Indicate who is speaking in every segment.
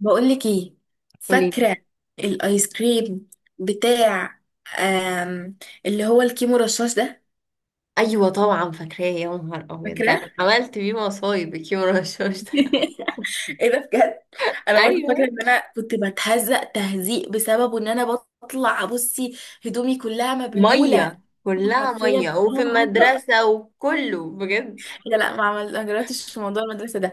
Speaker 1: بقولك ايه،
Speaker 2: قولي.
Speaker 1: فاكرة الايس كريم بتاع آم اللي هو الكيمو رشاش ده؟
Speaker 2: ايوه طبعا فاكراه يا نهار ابيض، ده
Speaker 1: فاكرة؟
Speaker 2: انا عملت بيه مصايب الكيمو رشاش ده.
Speaker 1: ايه ده بجد. انا برضه فاكرة
Speaker 2: ايوه،
Speaker 1: ان انا كنت بتهزق تهزيق بسببه، ان انا بطلع بصي هدومي كلها مبلولة.
Speaker 2: ميه كلها
Speaker 1: حرفيا
Speaker 2: ميه، وفي
Speaker 1: اه ميه.
Speaker 2: المدرسه، وكله بجد.
Speaker 1: لا لا ما جربتش في موضوع المدرسة ده.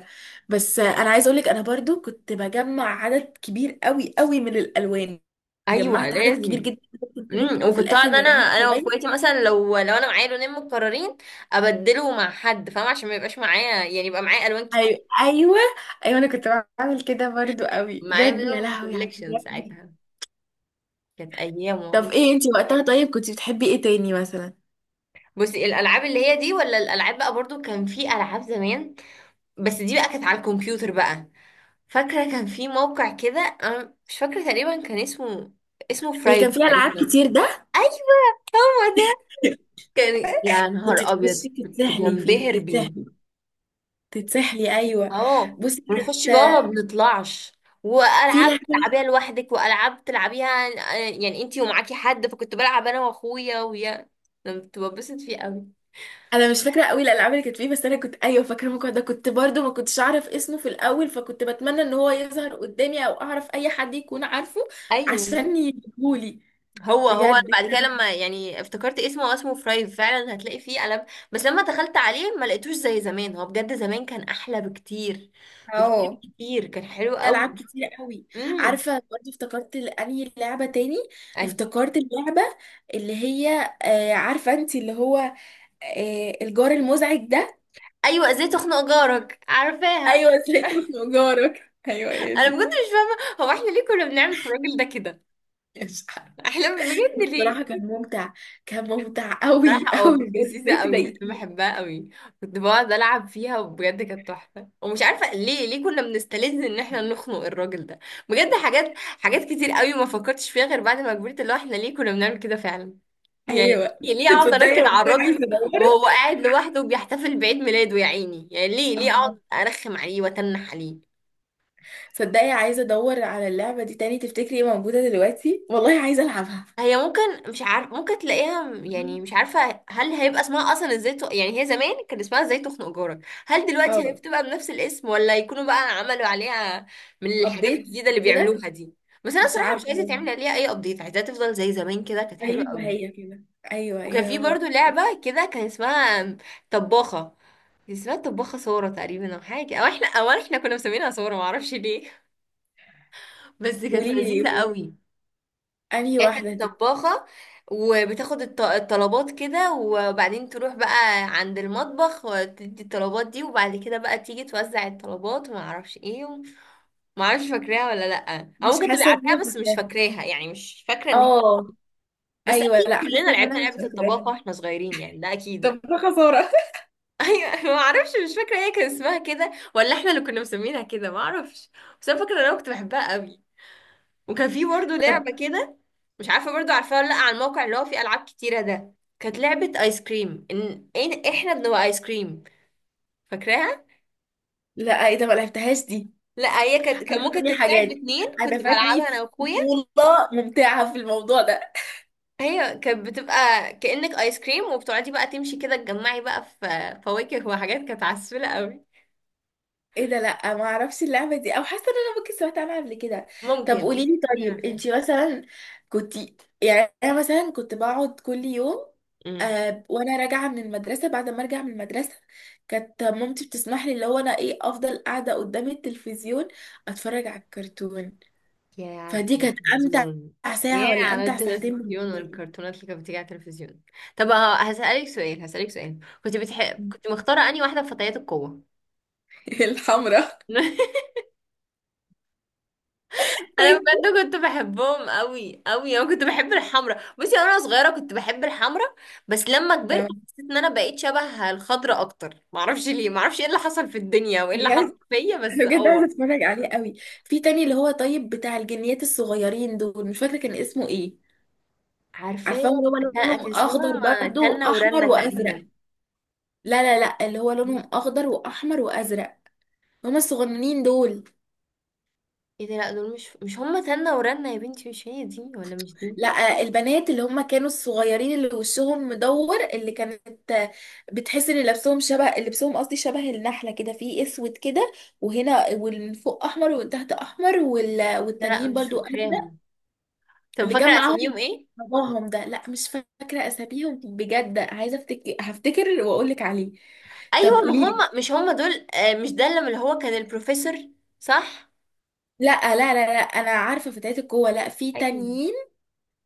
Speaker 1: بس انا عايزة اقولك، انا برضه كنت بجمع عدد كبير قوي قوي من الالوان.
Speaker 2: ايوه
Speaker 1: جمعت عدد كبير
Speaker 2: لازم.
Speaker 1: جدا. في
Speaker 2: وكنت
Speaker 1: الاخر
Speaker 2: اقعد
Speaker 1: يا
Speaker 2: انا
Speaker 1: رامي
Speaker 2: انا
Speaker 1: شوية.
Speaker 2: واخواتي، مثلا لو انا معايا لونين متكررين، ابدله مع حد فاهمه عشان ما يبقاش معايا، يعني يبقى معايا الوان كتير.
Speaker 1: ايوه ايوه. ايوه انا كنت بعمل كده برضو قوي
Speaker 2: معايا
Speaker 1: بجد، يا
Speaker 2: منهم
Speaker 1: لهوي على
Speaker 2: كوليكشن
Speaker 1: الحاجات دي.
Speaker 2: ساعتها. كانت ايام
Speaker 1: طب
Speaker 2: والله.
Speaker 1: ايه انتي وقتها؟ طيب كنت بتحبي ايه تاني مثلا؟
Speaker 2: بصي، الالعاب اللي هي دي ولا الالعاب بقى، برضو كان في العاب زمان، بس دي بقى كانت على الكمبيوتر بقى. فاكرة كان في موقع كده، أنا مش فاكرة تقريبا كان اسمه
Speaker 1: اللي كان
Speaker 2: فرايب
Speaker 1: فيها العاب
Speaker 2: تقريبا.
Speaker 1: كتير ده.
Speaker 2: أيوة هو ده. كان يا
Speaker 1: كنت
Speaker 2: نهار أبيض،
Speaker 1: تخشي
Speaker 2: كنت
Speaker 1: تتسحلي فيه،
Speaker 2: بنبهر بيه.
Speaker 1: تتسحلي تتسحلي ايوه.
Speaker 2: أهو.
Speaker 1: بصي
Speaker 2: ونخش جوه ما
Speaker 1: كانت
Speaker 2: بنطلعش.
Speaker 1: في
Speaker 2: وألعاب
Speaker 1: لعبه.
Speaker 2: تلعبيها لوحدك، وألعاب تلعبيها. يعني انتي ومعاكي حد، فكنت بلعب أنا وأخويا ويا. أنا كنت ببسط فيه أوي.
Speaker 1: انا مش فاكره قوي الالعاب اللي كانت فيه، بس انا كنت ايوه فاكره الموقع ده، كنت برضو ما كنتش اعرف اسمه في الاول، فكنت بتمنى ان هو يظهر قدامي او اعرف اي حد يكون عارفه
Speaker 2: أيوة.
Speaker 1: عشان يجيبهولي.
Speaker 2: هو انا
Speaker 1: بجد
Speaker 2: بعد كده لما يعني افتكرت اسمه، هو اسمه فرايف فعلا. هتلاقي فيه قلم، بس لما دخلت عليه ما لقيتوش زي زمان. هو بجد زمان كان احلى بكتير بكتير
Speaker 1: اه
Speaker 2: بكتير، كان حلو
Speaker 1: في
Speaker 2: قوي.
Speaker 1: العاب كتير قوي.
Speaker 2: امم
Speaker 1: عارفه برضه افتكرت انهي لعبه تاني.
Speaker 2: يعني
Speaker 1: افتكرت اللعبه اللي هي، عارفه انت اللي هو، الجار المزعج ده.
Speaker 2: ايوه، ازاي تخنق جارك، عارفاها.
Speaker 1: ايوه ازاي اسمه جارك، ايوه هي
Speaker 2: انا
Speaker 1: دي.
Speaker 2: بجد مش فاهمه، هو احنا ليه كنا بنعمل في الراجل ده كده؟
Speaker 1: مش عارفة.
Speaker 2: احنا بجد
Speaker 1: الصراحه
Speaker 2: ليه؟
Speaker 1: كان ممتع، كان ممتع قوي
Speaker 2: بصراحة،
Speaker 1: قوي
Speaker 2: كنت
Speaker 1: بجد
Speaker 2: لذيذة
Speaker 1: ازاي
Speaker 2: قوي، كنت
Speaker 1: تضايقيه.
Speaker 2: بحبها قوي. كنت بقعد ألعب فيها، وبجد كانت تحفة، ومش عارفة ليه ليه كنا بنستلذ إن احنا نخنق الراجل ده. بجد حاجات حاجات كتير قوي ما فكرتش فيها غير بعد ما كبرت، اللي هو احنا ليه كنا بنعمل كده فعلا. يعني
Speaker 1: ايوه
Speaker 2: ليه أقعد
Speaker 1: تصدقي
Speaker 2: أنكد على
Speaker 1: والله عايزه
Speaker 2: الراجل
Speaker 1: ادور.
Speaker 2: وهو قاعد لوحده وبيحتفل بعيد ميلاده يا عيني؟ يعني ليه ليه أقعد
Speaker 1: آه.
Speaker 2: أرخم عليه وأتنح عليه؟
Speaker 1: تصدقي عايزه ادور على اللعبه دي تاني، تفتكري موجوده دلوقتي؟ والله عايزه العبها.
Speaker 2: هي ممكن، مش عارف، ممكن تلاقيها، يعني مش عارفة هل هيبقى اسمها أصلا ازاي، يعني هي زمان كان اسمها ازاي تخنق جارك. هل دلوقتي هي
Speaker 1: اه
Speaker 2: بتبقى بنفس الاسم، ولا يكونوا بقى عملوا عليها من الحاجات
Speaker 1: ابديت
Speaker 2: الجديدة اللي
Speaker 1: كده.
Speaker 2: بيعملوها دي؟ بس أنا
Speaker 1: مش
Speaker 2: صراحة مش عايزة
Speaker 1: عارفه.
Speaker 2: تعمل عليها أي أبديت، عايزاها تفضل زي زمان كده، كانت حلوة
Speaker 1: ايوه هي
Speaker 2: قوي.
Speaker 1: كده. ايوه
Speaker 2: وكان
Speaker 1: يا
Speaker 2: في
Speaker 1: رهاب.
Speaker 2: برضو لعبة كده، كان اسمها طباخة. كان اسمها طباخة سارة تقريبا، أو حاجة، أو احنا كنا مسمينها سارة، معرفش ليه. بس كانت
Speaker 1: قولي لي
Speaker 2: لذيذة
Speaker 1: قولي لي.
Speaker 2: قوي.
Speaker 1: انهي
Speaker 2: هي
Speaker 1: واحده
Speaker 2: كانت
Speaker 1: دي؟
Speaker 2: طباخة، وبتاخد الطلبات كده، وبعدين تروح بقى عند المطبخ وتدي الطلبات دي، وبعد كده بقى تيجي توزع الطلبات. وما اعرفش ايه، وما اعرفش فاكراها ولا لا، او
Speaker 1: مش
Speaker 2: ممكن تبقى
Speaker 1: حاسه ان انا
Speaker 2: عارفاها بس مش
Speaker 1: فاكراها.
Speaker 2: فاكراها، يعني مش فاكرة ان هي.
Speaker 1: اه.
Speaker 2: بس
Speaker 1: ايوه
Speaker 2: اكيد
Speaker 1: لا
Speaker 2: كلنا
Speaker 1: حاسه ان
Speaker 2: لعبنا
Speaker 1: انا مش
Speaker 2: لعبة
Speaker 1: فاكراها.
Speaker 2: الطباخة واحنا صغيرين، يعني ده اكيد.
Speaker 1: طب ده خسارة.
Speaker 2: ايوه، ما اعرفش، مش فاكرة هي كان اسمها كده، ولا احنا اللي كنا مسمينها كده، ما اعرفش. بس انا فاكرة ان انا كنت بحبها قوي. وكان في برضه
Speaker 1: طب
Speaker 2: لعبة كده، مش عارفه برضو عارفاه ولا لا، على الموقع اللي هو فيه العاب كتيره ده. كانت لعبه ايس كريم، احنا بنبقى ايس كريم، فاكراها؟
Speaker 1: لا ايه ده، ما لعبتهاش دي.
Speaker 2: لا، هي كان
Speaker 1: انا
Speaker 2: ممكن
Speaker 1: فاتني
Speaker 2: تتلعب
Speaker 1: حاجات.
Speaker 2: باتنين،
Speaker 1: انا
Speaker 2: كنت
Speaker 1: فاتني
Speaker 2: بلعبها انا واخويا.
Speaker 1: طفوله ممتعه في الموضوع ده.
Speaker 2: هي كانت بتبقى كأنك ايس كريم، وبتقعدي بقى تمشي كده تجمعي بقى في فواكه وحاجات، كانت عسولة قوي.
Speaker 1: ايه ده، لا ما اعرفش اللعبه دي، او حاسه ان انا ممكن سمعت عنها قبل كده. طب قولي
Speaker 2: ممكن
Speaker 1: لي. طيب
Speaker 2: نعرف يعني،
Speaker 1: انت مثلا كنت، يعني انا مثلا كنت بقعد كل يوم.
Speaker 2: أمم.
Speaker 1: وانا راجعه من المدرسه، بعد ما ارجع من المدرسه كانت مامتي بتسمح لي، اللي هو انا ايه افضل قاعده قدام التلفزيون اتفرج على الكرتون.
Speaker 2: يا على
Speaker 1: فدي كانت امتع
Speaker 2: التلفزيون.
Speaker 1: ساعه
Speaker 2: يا
Speaker 1: ولا
Speaker 2: على
Speaker 1: امتع ساعتين بالنسبه
Speaker 2: التلفزيون
Speaker 1: لي.
Speaker 2: والكرتونات اللي كانت بتيجي على التلفزيون. طب هسألك سؤال. كنت بتحب، كنت مختارة انهي واحدة في فتيات القوة؟
Speaker 1: الحمراء.
Speaker 2: انا
Speaker 1: وانت؟
Speaker 2: بجد كنت بحبهم قوي قوي. انا كنت بحب الحمرا، بصي انا صغيره كنت بحب الحمرا. بس لما كبرت حسيت ان انا بقيت شبه الخضرا اكتر، معرفش ليه، معرفش ايه اللي حصل في الدنيا، وايه اللي حصل
Speaker 1: بجد.
Speaker 2: فيا،
Speaker 1: انا
Speaker 2: بس
Speaker 1: بجد عايزه اتفرج عليه قوي. في تاني اللي هو، طيب بتاع الجنيات الصغيرين دول مش فاكره كان اسمه ايه. عارفاهم
Speaker 2: عارفاه.
Speaker 1: اللي
Speaker 2: كان
Speaker 1: هو لونهم
Speaker 2: كان
Speaker 1: اخضر
Speaker 2: اسمهم
Speaker 1: برضو
Speaker 2: تنة
Speaker 1: واحمر
Speaker 2: ورنة
Speaker 1: وازرق.
Speaker 2: تقريبا.
Speaker 1: لا لا لا اللي هو لونهم اخضر واحمر وازرق، هما الصغننين دول.
Speaker 2: ايه ده؟ لا، دول مش هم تنة ورنة يا بنتي، مش هي دي، ولا مش دي.
Speaker 1: لا البنات اللي هما كانوا الصغيرين اللي وشهم مدور، اللي كانت بتحس ان لبسهم شبه لبسهم، قصدي شبه النحله كده، في اسود كده وهنا، ومن فوق احمر ومن تحت احمر
Speaker 2: لا لا،
Speaker 1: والتانيين
Speaker 2: مش
Speaker 1: برضو ازرق.
Speaker 2: فاكراهم. طب
Speaker 1: اللي كان
Speaker 2: فاكره اساميهم
Speaker 1: معاهم
Speaker 2: ايه؟
Speaker 1: باباهم ده، لا مش فاكرة أساميهم بجد، عايزة أفتكر هفتكر وأقول لك عليه. طب
Speaker 2: ايوه، ما
Speaker 1: قولي لي.
Speaker 2: هم مش هم دول، مش ده اللي هو كان البروفيسور. صح.
Speaker 1: لا لا لا لا، أنا عارفة فتيات القوة، لا في
Speaker 2: ايوه.
Speaker 1: تانيين.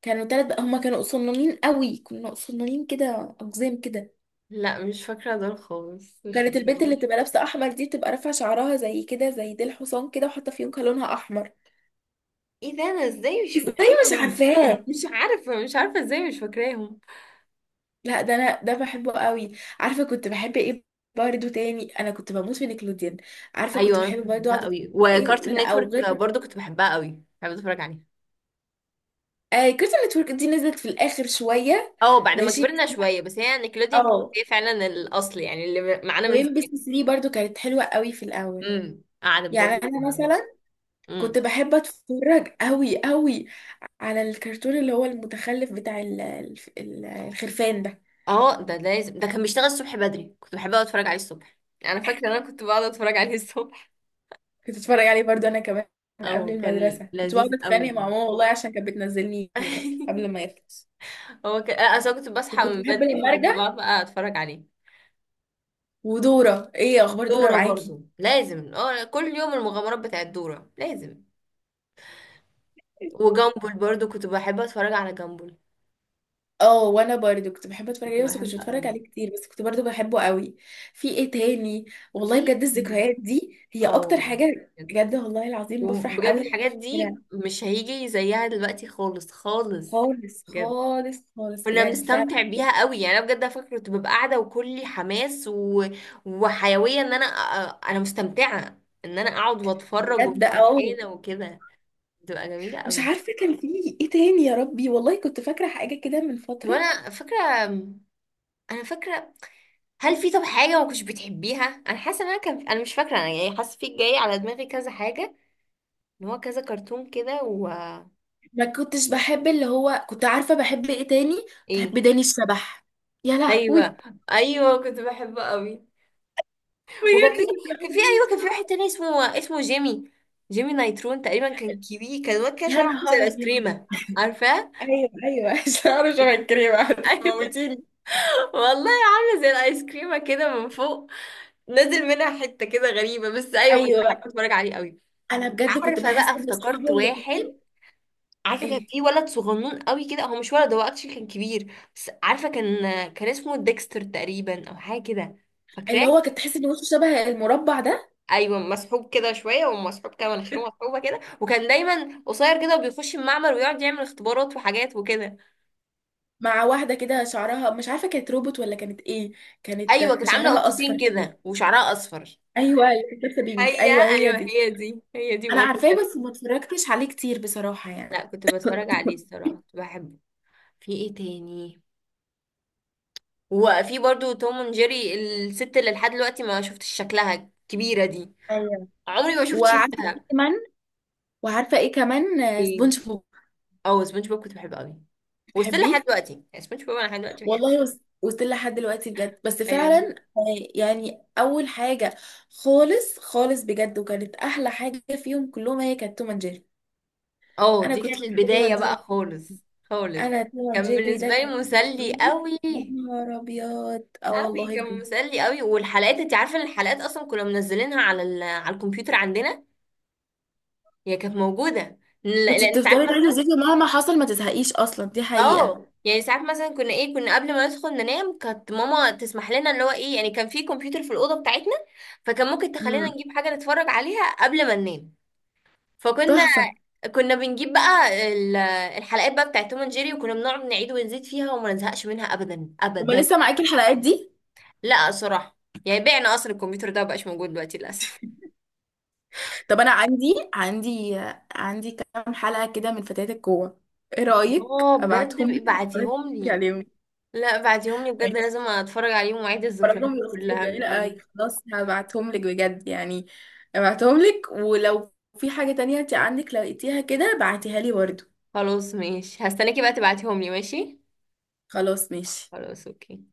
Speaker 1: كانوا تلات بقى، هما كانوا صنانين قوي، كانوا صنانين كده أقزام كده.
Speaker 2: لا مش فاكرة دول خالص، مش
Speaker 1: كانت البنت اللي
Speaker 2: فاكراهم.
Speaker 1: بتبقى لابسة أحمر دي، بتبقى رافعة شعرها زي كده زي ديل حصان كده، وحاطة فيونكة لونها أحمر.
Speaker 2: ايه ده، انا ازاي مش
Speaker 1: ازاي مش
Speaker 2: فاكراهم؟
Speaker 1: عارفاه؟
Speaker 2: مش عارفة، مش عارفة ازاي مش فاكراهم.
Speaker 1: لا ده انا ده بحبه قوي. عارفه كنت بحب ايه برضه تاني؟ انا كنت بموت في نيكلوديان. عارفه كنت
Speaker 2: ايوه انا كنت
Speaker 1: بحب برضه
Speaker 2: بحبها
Speaker 1: اقعد أتفرج
Speaker 2: قوي.
Speaker 1: على ايه؟
Speaker 2: وكارتون
Speaker 1: لا او غير
Speaker 2: نتورك برضو كنت بحبها قوي، بحب اتفرج عليها.
Speaker 1: آه كارتون نتورك دي نزلت في الاخر شويه.
Speaker 2: اه، بعد ما
Speaker 1: ماشي
Speaker 2: كبرنا شوية، بس هي نيكلوديان كانت
Speaker 1: اه.
Speaker 2: هي فعلا الاصل، يعني اللي معانا من
Speaker 1: وام بي
Speaker 2: زمان.
Speaker 1: سي 3 برضه كانت حلوه قوي في الاول.
Speaker 2: قعدت
Speaker 1: يعني
Speaker 2: برضو.
Speaker 1: انا مثلا كنت
Speaker 2: امم
Speaker 1: بحب اتفرج قوي قوي على الكرتون اللي هو المتخلف بتاع الخرفان ده.
Speaker 2: اه ده لازم، ده كان بيشتغل الصبح بدري، كنت بحب اقعد اتفرج عليه الصبح. انا فاكرة ان انا كنت بقعد اتفرج عليه الصبح.
Speaker 1: كنت اتفرج عليه برضه انا كمان قبل
Speaker 2: اه كان
Speaker 1: المدرسه، كنت
Speaker 2: لذيذ
Speaker 1: بقعد
Speaker 2: قوي.
Speaker 1: اتخانق مع ماما والله عشان كانت بتنزلني قبل ما يخلص.
Speaker 2: هو ك... آه، اصل أنا كنت بصحى
Speaker 1: وكنت
Speaker 2: من
Speaker 1: بحب
Speaker 2: بدري،
Speaker 1: لما
Speaker 2: فكنت
Speaker 1: ارجع.
Speaker 2: بقعد بقى اتفرج عليه.
Speaker 1: ودورة، ايه اخبار دورة
Speaker 2: دورة
Speaker 1: معاكي؟
Speaker 2: برضو لازم، كل يوم المغامرات بتاعت دورة لازم. وجامبل برضو كنت بحب اتفرج على جامبل،
Speaker 1: اه وانا برضو كنت بحب اتفرج
Speaker 2: كنت
Speaker 1: عليه، بس كنتش
Speaker 2: بحب
Speaker 1: بتفرج
Speaker 2: قوي.
Speaker 1: عليه كتير، بس كنت برضو بحبه قوي. في ايه تاني؟ والله
Speaker 2: في.
Speaker 1: بجد الذكريات دي هي
Speaker 2: اه،
Speaker 1: اكتر حاجة، بجد والله العظيم بفرح
Speaker 2: وبجد
Speaker 1: قوي لما
Speaker 2: الحاجات دي
Speaker 1: بفتكرها.
Speaker 2: مش هيجي زيها دلوقتي خالص، خالص.
Speaker 1: خالص
Speaker 2: بجد
Speaker 1: خالص خالص
Speaker 2: كنا
Speaker 1: بجد فعلا.
Speaker 2: بنستمتع بيها قوي، يعني انا بجد فاكره كنت ببقى قاعده وكلي حماس وحيويه، ان انا انا مستمتعه ان انا اقعد واتفرج
Speaker 1: بجد
Speaker 2: ومش
Speaker 1: اه.
Speaker 2: زهقانه وكده. بتبقى جميلة
Speaker 1: مش
Speaker 2: قوي.
Speaker 1: عارفة كان في ايه تاني يا ربي، والله كنت فاكرة حاجة كده من
Speaker 2: طب
Speaker 1: فترة.
Speaker 2: انا فاكره، انا فاكره، هل في؟ طب حاجه ما كنتش بتحبيها؟ انا حاسه ان انا كان، انا مش فاكره، انا يعني حاسه في جاي على دماغي كذا حاجه، ان هو كذا كرتون كده و...
Speaker 1: ما كنتش بحب اللي هو، كنت عارفة بحب ايه تاني؟ كنت بحب
Speaker 2: ايه؟
Speaker 1: داني الشبح. يا
Speaker 2: ايوه،
Speaker 1: لهوي
Speaker 2: ايوه، كنت بحبه قوي. وكان
Speaker 1: بجد
Speaker 2: في
Speaker 1: كنت
Speaker 2: كان
Speaker 1: بعمل
Speaker 2: في
Speaker 1: ايه.
Speaker 2: ايوه، كان في واحد تاني اسمه جيمي. جيمي نايترون تقريبا، كان كبير، كان واد كده
Speaker 1: يا
Speaker 2: شعره عامل زي
Speaker 1: نهار
Speaker 2: الايس
Speaker 1: ابيض
Speaker 2: كريمه. عارفاه؟
Speaker 1: ايوه ايوه شعره شبه الكريمة
Speaker 2: ايوه،
Speaker 1: هتموتيني
Speaker 2: والله عامله زي الايس كريمه كده من فوق، نازل منها حته كده غريبه، بس ايوه كنت
Speaker 1: ايوه
Speaker 2: بحب اتفرج عليه قوي.
Speaker 1: انا بجد كنت
Speaker 2: عارفه بقى
Speaker 1: بحس ان اصحابه
Speaker 2: افتكرت
Speaker 1: الاثنين،
Speaker 2: واحد. عارفه كان
Speaker 1: ايه
Speaker 2: في ولد صغنون قوي كده، هو مش ولد، هو اكشلي كان كبير، بس عارفه كان اسمه ديكستر تقريبا، او حاجه كده. فاكراه؟
Speaker 1: اللي هو كنت تحس ان وشه شبه المربع ده،
Speaker 2: ايوه مسحوب كده شويه، ومسحوب كده، مناخيره مسحوبه كده، وكان دايما قصير كده، وبيخش المعمل ويقعد يعمل اختبارات وحاجات وكده.
Speaker 1: مع واحده كده شعرها مش عارفه كانت روبوت ولا كانت ايه،
Speaker 2: ايوه
Speaker 1: كانت
Speaker 2: كانت عامله
Speaker 1: شعرها
Speaker 2: قطتين
Speaker 1: اصفر كده.
Speaker 2: كده وشعرها اصفر.
Speaker 1: ايوه اللي كانت لابسه بينك،
Speaker 2: هي
Speaker 1: ايوه هي
Speaker 2: ايوه،
Speaker 1: دي.
Speaker 2: هي دي، هي دي
Speaker 1: انا
Speaker 2: برضه
Speaker 1: عارفاه
Speaker 2: كده.
Speaker 1: بس ما اتفرجتش عليه كتير بصراحه
Speaker 2: لا
Speaker 1: يعني.
Speaker 2: كنت بتفرج عليه الصراحه، كنت بحبه. في ايه تاني؟ وفي برضو توم اند جيري، الست اللي لحد دلوقتي ما شفتش شكلها كبيرة دي،
Speaker 1: ايوه
Speaker 2: عمري ما شفت
Speaker 1: وعارفه ايه
Speaker 2: شكلها.
Speaker 1: كمان. وعارفه ايه كمان،
Speaker 2: ايه؟
Speaker 1: سبونج بوب.
Speaker 2: اه، سبونج بوب كنت بحبه قوي. وستيل لحد
Speaker 1: بتحبيه؟
Speaker 2: دلوقتي، يعني سبونج بوب انا لحد دلوقتي بحبه.
Speaker 1: والله وصلت لحد دلوقتي بجد، بس
Speaker 2: ايوه.
Speaker 1: فعلا يعني اول حاجه. خالص خالص بجد، وكانت احلى حاجه فيهم كلهم هي كانت توم اند جيري.
Speaker 2: اه،
Speaker 1: انا
Speaker 2: دي
Speaker 1: كنت
Speaker 2: كانت
Speaker 1: بحب توم
Speaker 2: البداية
Speaker 1: اند جيري
Speaker 2: بقى
Speaker 1: جداً.
Speaker 2: خالص. خالص،
Speaker 1: انا توم اند
Speaker 2: كان
Speaker 1: جيري ده
Speaker 2: بالنسبة لي
Speaker 1: كان بالنسبة
Speaker 2: مسلي
Speaker 1: لي،
Speaker 2: قوي،
Speaker 1: يا نهار ابيض اه
Speaker 2: قوي
Speaker 1: والله
Speaker 2: كان
Speaker 1: بجد.
Speaker 2: مسلي قوي. والحلقات، انت عارفة ان الحلقات اصلا كنا منزلينها على على الكمبيوتر عندنا. هي كانت موجودة.
Speaker 1: كنت
Speaker 2: لان انت
Speaker 1: بتفضلي تعيدي
Speaker 2: عارفة.
Speaker 1: وزيكي مهما حصل ما تزهقيش اصلا، دي حقيقه.
Speaker 2: اه، يعني ساعات مثلا كنا ايه، كنا قبل ما ندخل ننام كانت ماما تسمح لنا، اللي هو ايه، يعني كان في كمبيوتر في الاوضه بتاعتنا، فكان ممكن تخلينا
Speaker 1: امم
Speaker 2: نجيب حاجه نتفرج عليها قبل ما ننام. فكنا
Speaker 1: تحفه.
Speaker 2: كنا بنجيب بقى الحلقات بقى بتاعت توم اند جيري، وكنا بنقعد نعيد ونزيد فيها، وما نزهقش منها ابدا
Speaker 1: هما
Speaker 2: ابدا.
Speaker 1: لسه معاكي الحلقات دي؟
Speaker 2: لا صراحه، يعني بعنا اصلا الكمبيوتر ده، مبقاش موجود دلوقتي للاسف.
Speaker 1: طب انا عندي كام حلقه كده من فتيات القوه، ايه رايك
Speaker 2: اه
Speaker 1: ابعتهم
Speaker 2: بجد،
Speaker 1: لك تتفرجي
Speaker 2: بعتيهم لي.
Speaker 1: عليهم؟
Speaker 2: لا بعتيهم لي بجد،
Speaker 1: كويس.
Speaker 2: لازم اتفرج عليهم واعيد الذكريات
Speaker 1: فرجهم لاختي
Speaker 2: كلها من
Speaker 1: الجميلة
Speaker 2: الاول.
Speaker 1: أوي، خلاص هبعتهم لك بجد يعني، هبعتهم لك. ولو في حاجة تانية انت عندك لقيتيها كده، بعتيها لي برضه.
Speaker 2: خلاص ماشي، هستناكي بقى تبعتيهم لي. ماشي.
Speaker 1: خلاص ماشي.
Speaker 2: خلاص اوكي.